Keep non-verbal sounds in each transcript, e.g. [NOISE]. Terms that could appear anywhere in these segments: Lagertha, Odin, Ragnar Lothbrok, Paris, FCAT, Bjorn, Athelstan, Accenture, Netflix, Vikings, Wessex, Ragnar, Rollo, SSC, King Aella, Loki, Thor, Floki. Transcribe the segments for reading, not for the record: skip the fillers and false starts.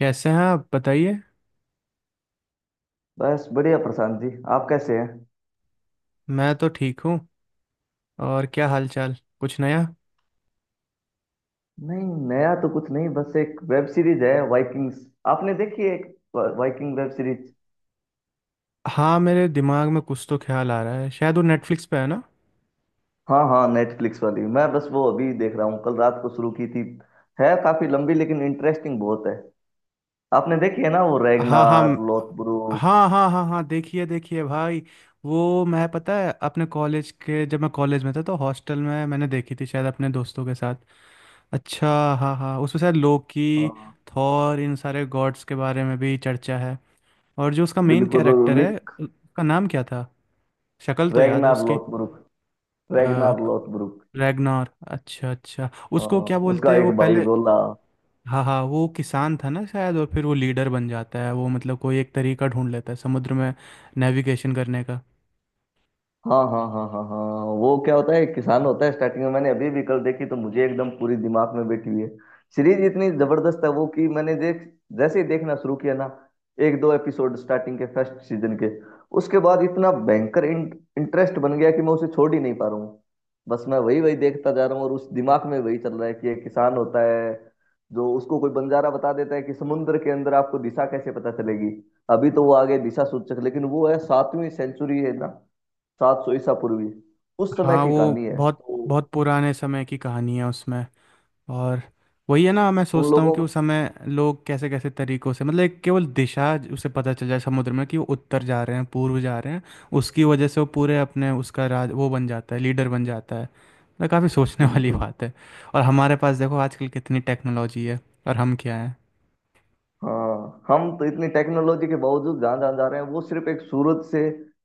कैसे हैं आप बताइए। बस बढ़िया प्रशांत जी। आप कैसे हैं। मैं तो ठीक हूँ। और क्या हाल चाल, कुछ नया? नहीं, नया तो कुछ नहीं। बस एक वेब सीरीज है, वाइकिंग्स। आपने देखी है एक वाइकिंग वेब सीरीज। हाँ, मेरे दिमाग में कुछ तो ख्याल आ रहा है, शायद वो नेटफ्लिक्स पे है ना। हाँ हाँ, नेटफ्लिक्स वाली। मैं बस वो अभी देख रहा हूँ, कल रात को शुरू की थी। है काफी लंबी, लेकिन इंटरेस्टिंग बहुत है। आपने देखी है ना, वो हाँ हाँ रैगनार म- लोथब्रुक। हाँ हाँ हाँ हाँ, देखिए देखिए भाई। वो मैं, पता है, अपने कॉलेज के, जब मैं कॉलेज में था तो हॉस्टल में मैंने देखी थी शायद अपने दोस्तों के साथ। अच्छा। हाँ हाँ, उसमें शायद लोकी, हाँ थॉर, इन सारे गॉड्स के बारे में भी चर्चा है। और जो उसका मेन बिल्कुल, और कैरेक्टर है, निक। उसका नाम क्या था? शक्ल तो याद है रैगनार लोथब्रुक। रैगनार उसकी। लोथब्रुक। रैगनार, अच्छा अच्छा। हाँ, उसको क्या बोलते उसका हैं एक वो भाई पहले। रोला। हाँ हाँ, वो किसान था ना शायद, और फिर वो लीडर बन जाता है। वो मतलब कोई एक तरीका ढूंढ लेता है समुद्र में नेविगेशन करने का। हाँ हाँ हाँ हाँ हाँ हाँ। वो क्या होता है, एक किसान होता है स्टार्टिंग में। मैंने अभी भी कल देखी तो मुझे एकदम पूरी दिमाग में बैठी हुई है। सीरीज इतनी जबरदस्त है वो कि मैंने देख, जैसे ही देखना शुरू किया ना, एक दो एपिसोड स्टार्टिंग के फर्स्ट सीजन के, उसके बाद इतना भयंकर इंटरेस्ट बन गया कि मैं उसे छोड़ ही नहीं पा रहा हूँ। बस मैं वही वही देखता जा रहा हूँ, और उस दिमाग में वही चल रहा है कि एक किसान होता है जो उसको कोई बंजारा बता देता है कि समुद्र के अंदर आपको दिशा कैसे पता चलेगी। अभी तो वो आगे दिशा सूचक, लेकिन वो है सातवीं सेंचुरी है ना। 700 ईसा पूर्वी उस समय हाँ, की कहानी वो है बहुत तो। बहुत पुराने समय की कहानी है उसमें। और वही है ना, मैं उन सोचता हूँ लोगों कि को, उस समय लोग कैसे कैसे तरीकों से, मतलब एक केवल दिशा उसे पता चल जाए समुद्र में कि वो उत्तर जा रहे हैं, पूर्व जा रहे हैं। उसकी वजह से वो पूरे अपने उसका राज, वो बन जाता है, लीडर बन जाता है। मतलब काफ़ी सोचने [LAUGHS] वाली बिल्कुल। बात है। और हमारे पास देखो आजकल कितनी टेक्नोलॉजी है, और हम क्या हैं। हाँ, हम तो इतनी टेक्नोलॉजी के बावजूद जहाँ जहाँ जा रहे हैं वो सिर्फ एक सूरज से।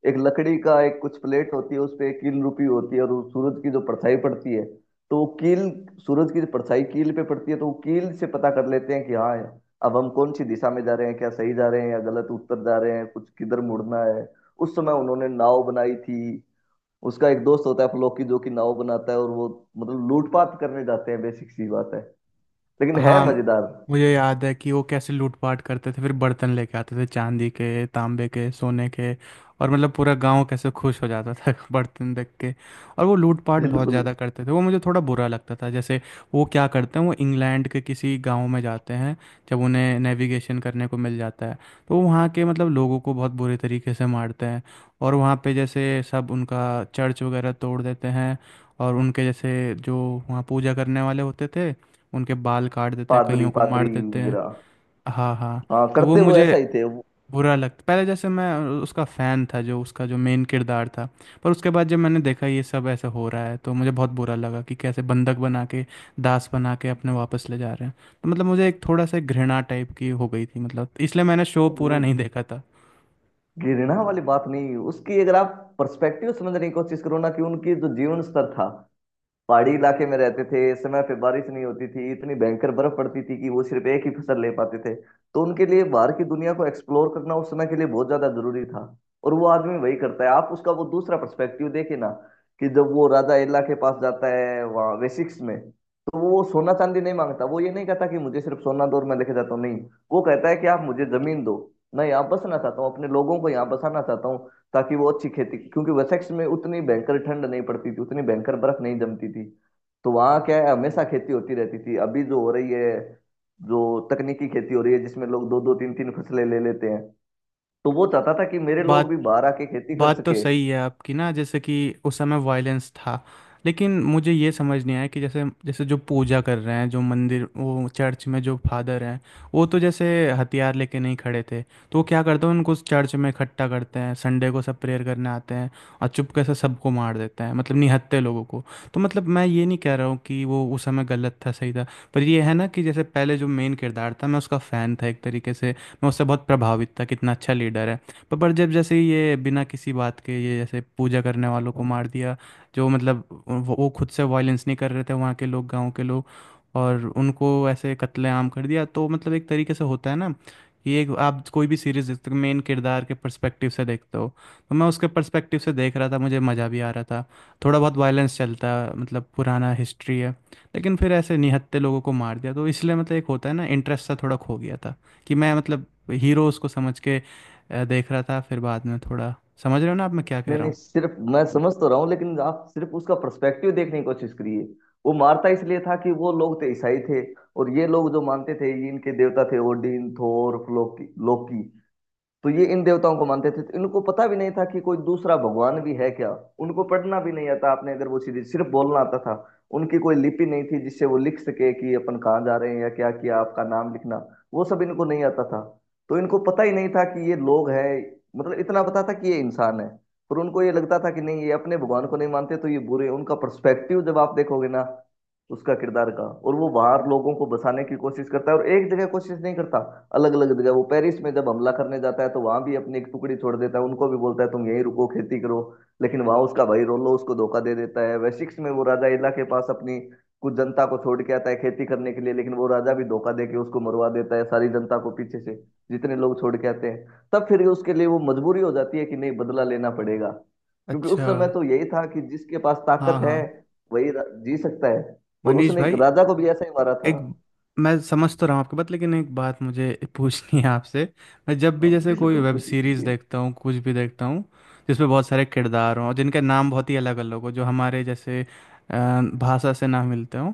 एक लकड़ी का एक कुछ प्लेट होती है, उस पे एक कील रुपी होती है, और उस सूरज की जो परछाई पड़ती है तो वो कील, सूरज की जो परछाई कील पे पड़ती है तो वो कील से पता कर लेते हैं कि हाँ, अब हम कौन सी दिशा में जा रहे हैं, क्या सही जा रहे हैं या गलत, उत्तर जा रहे हैं, कुछ किधर मुड़ना है। उस समय उन्होंने नाव बनाई थी। उसका एक दोस्त होता है फ्लोकी जो कि नाव बनाता है, और वो मतलब लूटपाट करने जाते हैं, बेसिक सी बात है। लेकिन है हाँ, मजेदार। मुझे याद है कि वो कैसे लूटपाट करते थे, फिर बर्तन लेके आते थे, चांदी के, तांबे के, सोने के। और मतलब पूरा गांव कैसे खुश हो जाता था [LAUGHS] बर्तन देख के। और वो लूटपाट बहुत बिल्कुल। ज़्यादा करते थे, वो मुझे थोड़ा बुरा लगता था। जैसे वो क्या करते हैं, वो इंग्लैंड के किसी गांव में जाते हैं, जब उन्हें नेविगेशन करने को मिल जाता है, तो वो वहाँ के मतलब लोगों को बहुत बुरे तरीके से मारते हैं। और वहाँ पे जैसे सब उनका चर्च वगैरह तोड़ देते हैं। और उनके जैसे जो वहाँ पूजा करने वाले होते थे, उनके बाल काट देते हैं, पादरी, कईयों को मार पादरी देते हैं। वगैरह। हाँ हाँ। हाँ, तो वो करते वो मुझे ऐसा ही थे वो। बुरा लगता पहले। जैसे मैं उसका फ़ैन था, जो उसका जो मेन किरदार था। पर उसके बाद जब मैंने देखा ये सब ऐसा हो रहा है तो मुझे बहुत बुरा लगा कि कैसे बंधक बना के, दास बना के अपने वापस ले जा रहे हैं। तो मतलब मुझे एक थोड़ा सा घृणा टाइप की हो गई थी, मतलब इसलिए मैंने शो पूरा नहीं, नहीं देखा था। घृणा वाली बात नहीं उसकी। अगर आप पर्सपेक्टिव समझने की कोशिश करो ना, कि उनकी जो जीवन स्तर था, पहाड़ी इलाके में रहते थे, समय पे बारिश नहीं होती थी, इतनी भयंकर बर्फ पड़ती थी कि वो सिर्फ एक ही फसल ले पाते थे। तो उनके लिए बाहर की दुनिया को एक्सप्लोर करना उस समय के लिए बहुत ज्यादा जरूरी था। और वो आदमी वही करता है। आप उसका वो दूसरा पर्सपेक्टिव देखे ना, कि जब वो राजा एला के पास जाता है वहाँ वेसिक्स में, तो वो सोना चांदी नहीं मांगता। वो ये नहीं कहता कि मुझे सिर्फ सोना दो और मैं लेके जाता हूँ, नहीं। वो कहता है कि आप मुझे जमीन दो, मैं यहाँ बसना चाहता हूँ, अपने लोगों को यहाँ बसाना चाहता हूँ, ताकि वो अच्छी खेती, क्योंकि वसेक्स में उतनी भयंकर ठंड नहीं पड़ती थी, उतनी भयंकर बर्फ नहीं जमती थी। तो वहाँ क्या है, हमेशा खेती होती रहती थी, अभी जो हो रही है, जो तकनीकी खेती हो रही है, जिसमें लोग दो दो तीन तीन फसलें ले लेते हैं। तो वो चाहता था कि मेरे लोग बात भी बाहर आके खेती कर बात तो सके। सही है आपकी ना, जैसे कि उस समय वायलेंस था। लेकिन मुझे ये समझ नहीं आया कि जैसे, जैसे जो पूजा कर रहे हैं, जो मंदिर, वो चर्च में जो फादर हैं, वो तो जैसे हथियार लेके नहीं खड़े थे। तो वो क्या करते हैं, उनको उस चर्च में इकट्ठा करते हैं, संडे को सब प्रेयर करने आते हैं, और चुपके से सबको मार देते हैं, मतलब निहत्थे लोगों को। तो मतलब मैं ये नहीं कह रहा हूँ कि वो उस समय गलत था सही था, पर ये है ना कि जैसे पहले जो मेन किरदार था, मैं उसका फ़ैन था एक तरीके से। मैं उससे बहुत प्रभावित था, कितना अच्छा लीडर है। पर जब जैसे ही ये बिना किसी बात के ये जैसे पूजा करने वालों को मार दिया, जो मतलब वो खुद से वायलेंस नहीं कर रहे थे, वहाँ के लोग, गांव के लोग, और उनको ऐसे कत्लेआम कर दिया। तो मतलब एक तरीके से होता है ना कि एक आप कोई भी सीरीज देखते हो मेन किरदार के पर्सपेक्टिव से देखते हो। तो मैं उसके पर्सपेक्टिव से देख रहा था, मुझे मज़ा भी आ रहा था। थोड़ा बहुत वायलेंस चलता है, मतलब पुराना हिस्ट्री है। लेकिन फिर ऐसे निहत्थे लोगों को मार दिया, तो इसलिए मतलब एक होता है ना, इंटरेस्ट सा थोड़ा खो गया था। कि मैं मतलब हीरोज़ को समझ के देख रहा था, फिर बाद में थोड़ा। समझ रहे हो ना आप मैं क्या कह नहीं रहा नहीं, हूँ? सिर्फ मैं समझ तो रहा हूँ, लेकिन आप सिर्फ उसका पर्सपेक्टिव देखने की कोशिश करिए। वो मारता इसलिए था कि वो लोग थे ईसाई थे, और ये लोग जो मानते थे ये इनके देवता थे, ओडिन, थोर, लोकी, लोकी। तो ये इन देवताओं को मानते थे, तो इनको पता भी नहीं था कि कोई दूसरा भगवान भी है क्या। उनको पढ़ना भी नहीं आता, आपने अगर, वो सीधी सिर्फ बोलना आता था। उनकी कोई लिपि नहीं थी जिससे वो लिख सके कि अपन कहाँ जा रहे हैं या क्या किया, आपका नाम लिखना, वो सब इनको नहीं आता था। तो इनको पता ही नहीं था कि ये लोग हैं, मतलब इतना पता था कि ये इंसान है। पर उनको ये लगता था कि नहीं, ये अपने भगवान को नहीं मानते तो ये बुरे हैं। उनका पर्सपेक्टिव जब आप देखोगे ना, तो उसका किरदार का। और वो बाहर लोगों को बसाने की कोशिश करता है, और एक जगह कोशिश नहीं करता, अलग अलग जगह। वो पेरिस में जब हमला करने जाता है तो वहां भी अपनी एक टुकड़ी छोड़ देता है, उनको भी बोलता है तुम यहीं रुको खेती करो। लेकिन वहां उसका भाई रोलो उसको धोखा दे देता है। वेसिक्स में वो राजा इला के पास अपनी कुछ जनता को छोड़ के आता है खेती करने के लिए, लेकिन वो राजा भी धोखा दे के उसको मरवा देता है, सारी जनता को पीछे से, जितने लोग छोड़ के आते हैं। तब फिर उसके लिए वो मजबूरी हो जाती है कि नहीं, बदला लेना पड़ेगा। क्योंकि उस अच्छा। समय तो यही था कि जिसके पास ताकत हाँ है हाँ। वही जी सकता है। और मनीष उसने एक भाई, राजा को भी ऐसा ही मारा था। एक, मैं समझ तो रहा हूँ आपकी बात, लेकिन एक बात मुझे [LAUGHS] पूछनी है आपसे। मैं जब भी हाँ, जैसे कोई बिल्कुल, वेब पूछिए सीरीज़ पूछिए। देखता हूँ, कुछ भी देखता हूँ जिसमें बहुत सारे किरदार हों, और जिनके नाम बहुत ही अलग अलग हो, जो हमारे जैसे अ, भाषा से ना मिलते हों,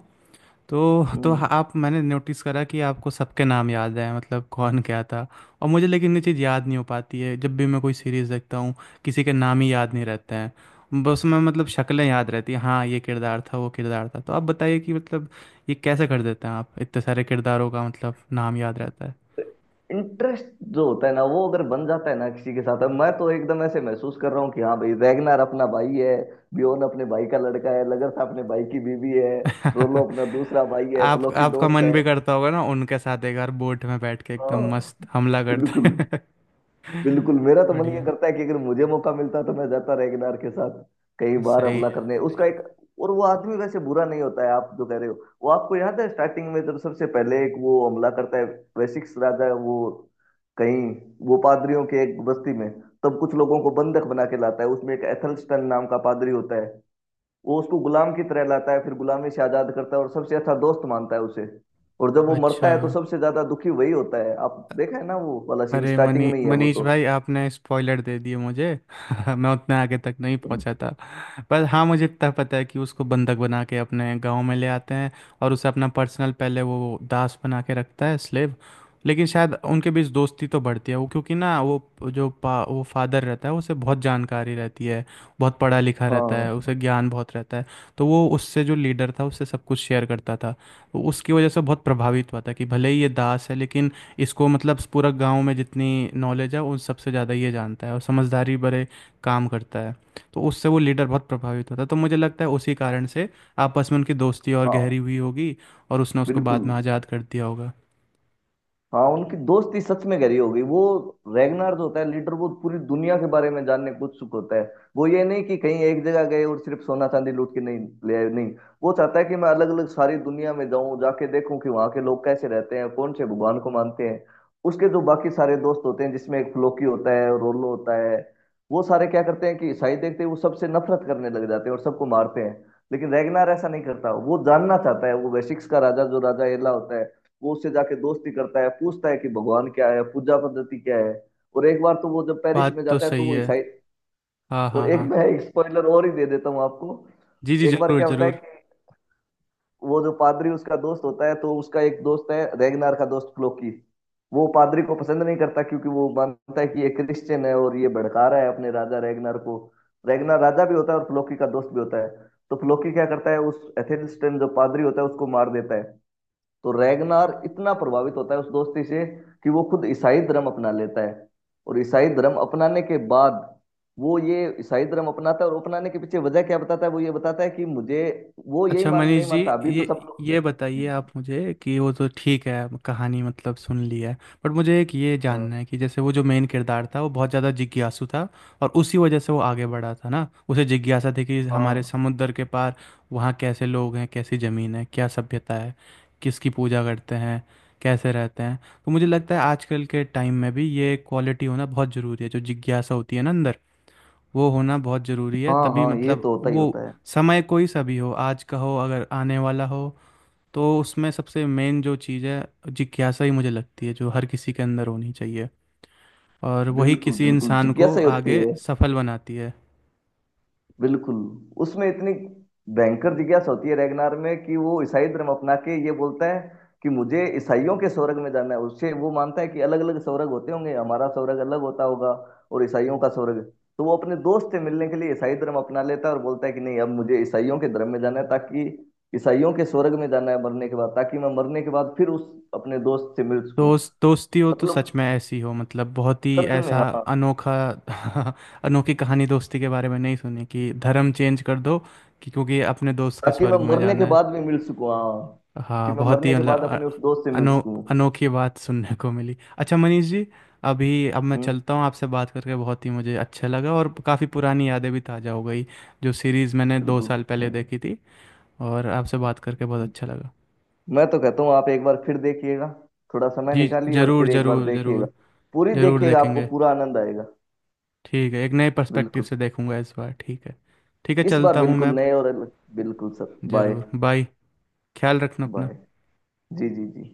तो हम्म। आप, मैंने नोटिस करा कि आपको सबके नाम याद है, मतलब कौन क्या था। और मुझे लेकिन ये चीज़ याद नहीं हो पाती है जब भी मैं कोई सीरीज़ देखता हूँ, किसी के नाम ही याद नहीं रहते हैं। बस मैं मतलब शक्लें याद रहती हैं, हाँ ये किरदार था वो किरदार था। तो आप बताइए कि मतलब ये कैसे कर देते हैं आप, इतने सारे किरदारों का मतलब नाम याद रहता है। इंटरेस्ट जो होता है ना, वो अगर बन जाता है ना किसी के साथ। अब मैं तो एकदम ऐसे महसूस कर रहा हूँ कि हाँ भाई, रैगनार अपना भाई है, बियोन अपने भाई का लड़का है, लगरथा अपने भाई की बीवी है, रोलो [LAUGHS] अपना दूसरा भाई है, आप, फ्लो की आपका दोस्त मन है। भी करता होगा ना उनके साथ एक बार बोट में बैठ के एकदम हाँ, मस्त हमला करते बिल्कुल। हैं। [LAUGHS] बिल्कुल, मेरा तो मन ये बढ़िया। करता है कि अगर मुझे मौका मिलता तो मैं जाता रेगनार के साथ कई बार सही हमला है। करने उसका एक। और वो आदमी वैसे बुरा नहीं होता है। आप जो कह रहे हो, वो आपको याद है स्टार्टिंग में जब सबसे पहले एक वो हमला करता है, वैशिक्स राजा वो, कहीं, वो पादरियों के एक बस्ती में, तब कुछ लोगों को बंधक बना के लाता है। उसमें एक एथलस्टन नाम का पादरी होता है। वो उसको गुलाम की तरह लाता है, फिर गुलामी से आजाद करता है और सबसे अच्छा दोस्त मानता है उसे। और जब वो अच्छा। मरता है तो सबसे ज्यादा दुखी वही होता है। आप देखा है ना वो वाला सीन, अरे स्टार्टिंग में ही है वो मनीष तो। भाई, आपने स्पॉइलर दे दिए मुझे। [LAUGHS] मैं उतना आगे तक नहीं हाँ पहुंचा था। पर हाँ, मुझे इतना पता है कि उसको बंधक बना के अपने गांव में ले आते हैं, और उसे अपना पर्सनल पहले वो दास बना के रखता है, स्लेव। लेकिन शायद उनके बीच दोस्ती तो बढ़ती है, वो क्योंकि ना वो वो फादर रहता है, उसे बहुत जानकारी रहती है, बहुत पढ़ा लिखा रहता हाँ। है, उसे ज्ञान बहुत रहता है। तो वो उससे, जो लीडर था, उससे सब कुछ शेयर करता था। वो उसकी वजह से बहुत प्रभावित हुआ था कि भले ही ये दास है, लेकिन इसको मतलब पूरा गांव में जितनी नॉलेज है उन सबसे ज़्यादा ये जानता है, और समझदारी भरे काम करता है। तो उससे वो लीडर बहुत प्रभावित होता है। तो मुझे लगता है उसी कारण से आपस में उनकी दोस्ती और गहरी हुई होगी, और उसने उसको बिल्कुल। बाद में आज़ाद कर दिया होगा। हाँ, उनकी दोस्ती सच में गहरी हो गई वो। रैगनार्ड होता है लीडर, वो पूरी दुनिया के बारे में जानने को उत्सुक होता है। वो ये नहीं कि कहीं एक जगह गए और सिर्फ सोना चांदी लूट के नहीं ले आए, नहीं। वो चाहता है कि मैं अलग अलग सारी दुनिया में जाऊं, जाके देखूं कि वहां के लोग कैसे रहते हैं, कौन से भगवान को मानते हैं। उसके जो बाकी सारे दोस्त होते हैं जिसमें एक फ्लोकी होता है, रोलो होता है, वो सारे क्या करते हैं कि ईसाई देखते ही वो सबसे नफरत करने लग जाते हैं और सबको मारते हैं। लेकिन रैगनार ऐसा नहीं करता, वो जानना चाहता है। वो वेसिक्स का राजा जो राजा एला होता है, वो उससे जाके दोस्ती करता है, पूछता है कि भगवान क्या है, पूजा पद्धति क्या है। और एक बार तो वो जब पेरिस बात में तो जाता है तो सही वो है। ईसाई, हाँ और हाँ एक [LAUGHS] हाँ। मैं एक स्पॉइलर और ही दे देता हूँ आपको। जी जी, एक बार ज़रूर क्या होता है ज़रूर। कि वो जो पादरी उसका दोस्त होता है, तो उसका एक दोस्त है, रेगनार का दोस्त क्लोकी, वो पादरी को पसंद नहीं करता क्योंकि वो मानता है कि ये क्रिश्चियन है और ये भड़का रहा है अपने राजा रेगनार को। रेगनार राजा भी होता है और फ्लोकी का दोस्त भी होता है। तो फ्लोकी क्या करता है, उस एथेनिस्टन जो पादरी होता है उसको मार देता है। तो रैगनार इतना प्रभावित होता है उस दोस्ती से कि वो खुद ईसाई धर्म अपना लेता है। और ईसाई धर्म अपनाने के बाद, वो ये ईसाई धर्म अपनाता है और अपनाने के पीछे वजह क्या बताता है, वो ये बताता है कि मुझे, वो यही अच्छा मान, नहीं मनीष जी, मानता अभी तो ये सब लोग। ये जी बताइए जी। आप मुझे कि वो तो ठीक है, कहानी मतलब सुन ली है। बट मुझे एक ये हाँ जानना है कि जैसे वो जो मेन किरदार था, वो बहुत ज़्यादा जिज्ञासु था, और उसी वजह से वो आगे बढ़ा था ना। उसे जिज्ञासा थी कि हमारे हाँ समुद्र के पार वहाँ कैसे लोग हैं, कैसी ज़मीन है, क्या सभ्यता है, किसकी पूजा करते हैं, कैसे रहते हैं। तो मुझे लगता है आजकल के टाइम में भी ये क्वालिटी होना बहुत ज़रूरी है, जो जिज्ञासा होती है ना अंदर, वो होना बहुत ज़रूरी है। हाँ, तभी हाँ ये मतलब तो होता ही वो, होता है। समय कोई सा भी हो, आज का हो, अगर आने वाला हो, तो उसमें सबसे मेन जो चीज़ है, जिज्ञासा ही मुझे लगती है, जो हर किसी के अंदर होनी चाहिए, और वही बिल्कुल किसी बिल्कुल, इंसान को जिज्ञासा ही होती है। आगे सफल बनाती है। बिल्कुल। उसमें इतनी भयंकर जिज्ञासा होती है रैगनार में कि वो ईसाई धर्म अपना के ये बोलता है कि मुझे ईसाइयों के स्वर्ग में जाना है। उससे वो मानता है कि अलग अलग स्वर्ग होते होंगे, हमारा स्वर्ग अलग होता होगा और ईसाइयों का स्वर्ग। तो वो अपने दोस्त से मिलने के लिए ईसाई धर्म अपना लेता है और बोलता है कि नहीं, अब मुझे ईसाइयों के धर्म में जाना है, ताकि ईसाइयों के स्वर्ग में जाना है मरने के बाद, ताकि मैं मरने के बाद फिर उस अपने दोस्त से मिल सकूं। दोस्ती हो तो मतलब सच में ऐसी हो, मतलब बहुत ही सच में, ऐसा हाँ। अनोखा। [LAUGHS] अनोखी कहानी दोस्ती के बारे में नहीं सुनी, कि धर्म चेंज कर दो, कि क्योंकि अपने दोस्त के ताकि मैं स्वर्ग में मरने के जाना है। बाद भी मिल सकूं, हाँ। कि हाँ, मैं बहुत ही मरने के मतलब बाद अपने उस दोस्त से मिल अनो सकूं। अनोखी बात सुनने को मिली। अच्छा मनीष जी, अभी अब मैं हम्म। चलता हूँ, आपसे बात करके बहुत ही मुझे अच्छा लगा, और काफ़ी पुरानी यादें भी ताज़ा हो गई जो सीरीज़ मैंने दो बिल्कुल। साल पहले देखी थी। और आपसे बात करके बहुत अच्छा लगा। मैं तो कहता हूँ आप एक बार फिर देखिएगा, थोड़ा समय जी, निकालिए और ज़रूर फिर एक बार ज़रूर देखिएगा। ज़रूर पूरी ज़रूर देखिएगा, आपको देखेंगे। पूरा आनंद आएगा। ठीक है, एक नए पर्सपेक्टिव बिल्कुल। से देखूंगा इस बार, ठीक है। ठीक है, इस बार चलता हूँ मैं बिल्कुल अब। नए और अलग, बिल्कुल सर, बाय। ज़रूर, बाय। ख्याल रखना अपना। बाय। जी जी जी।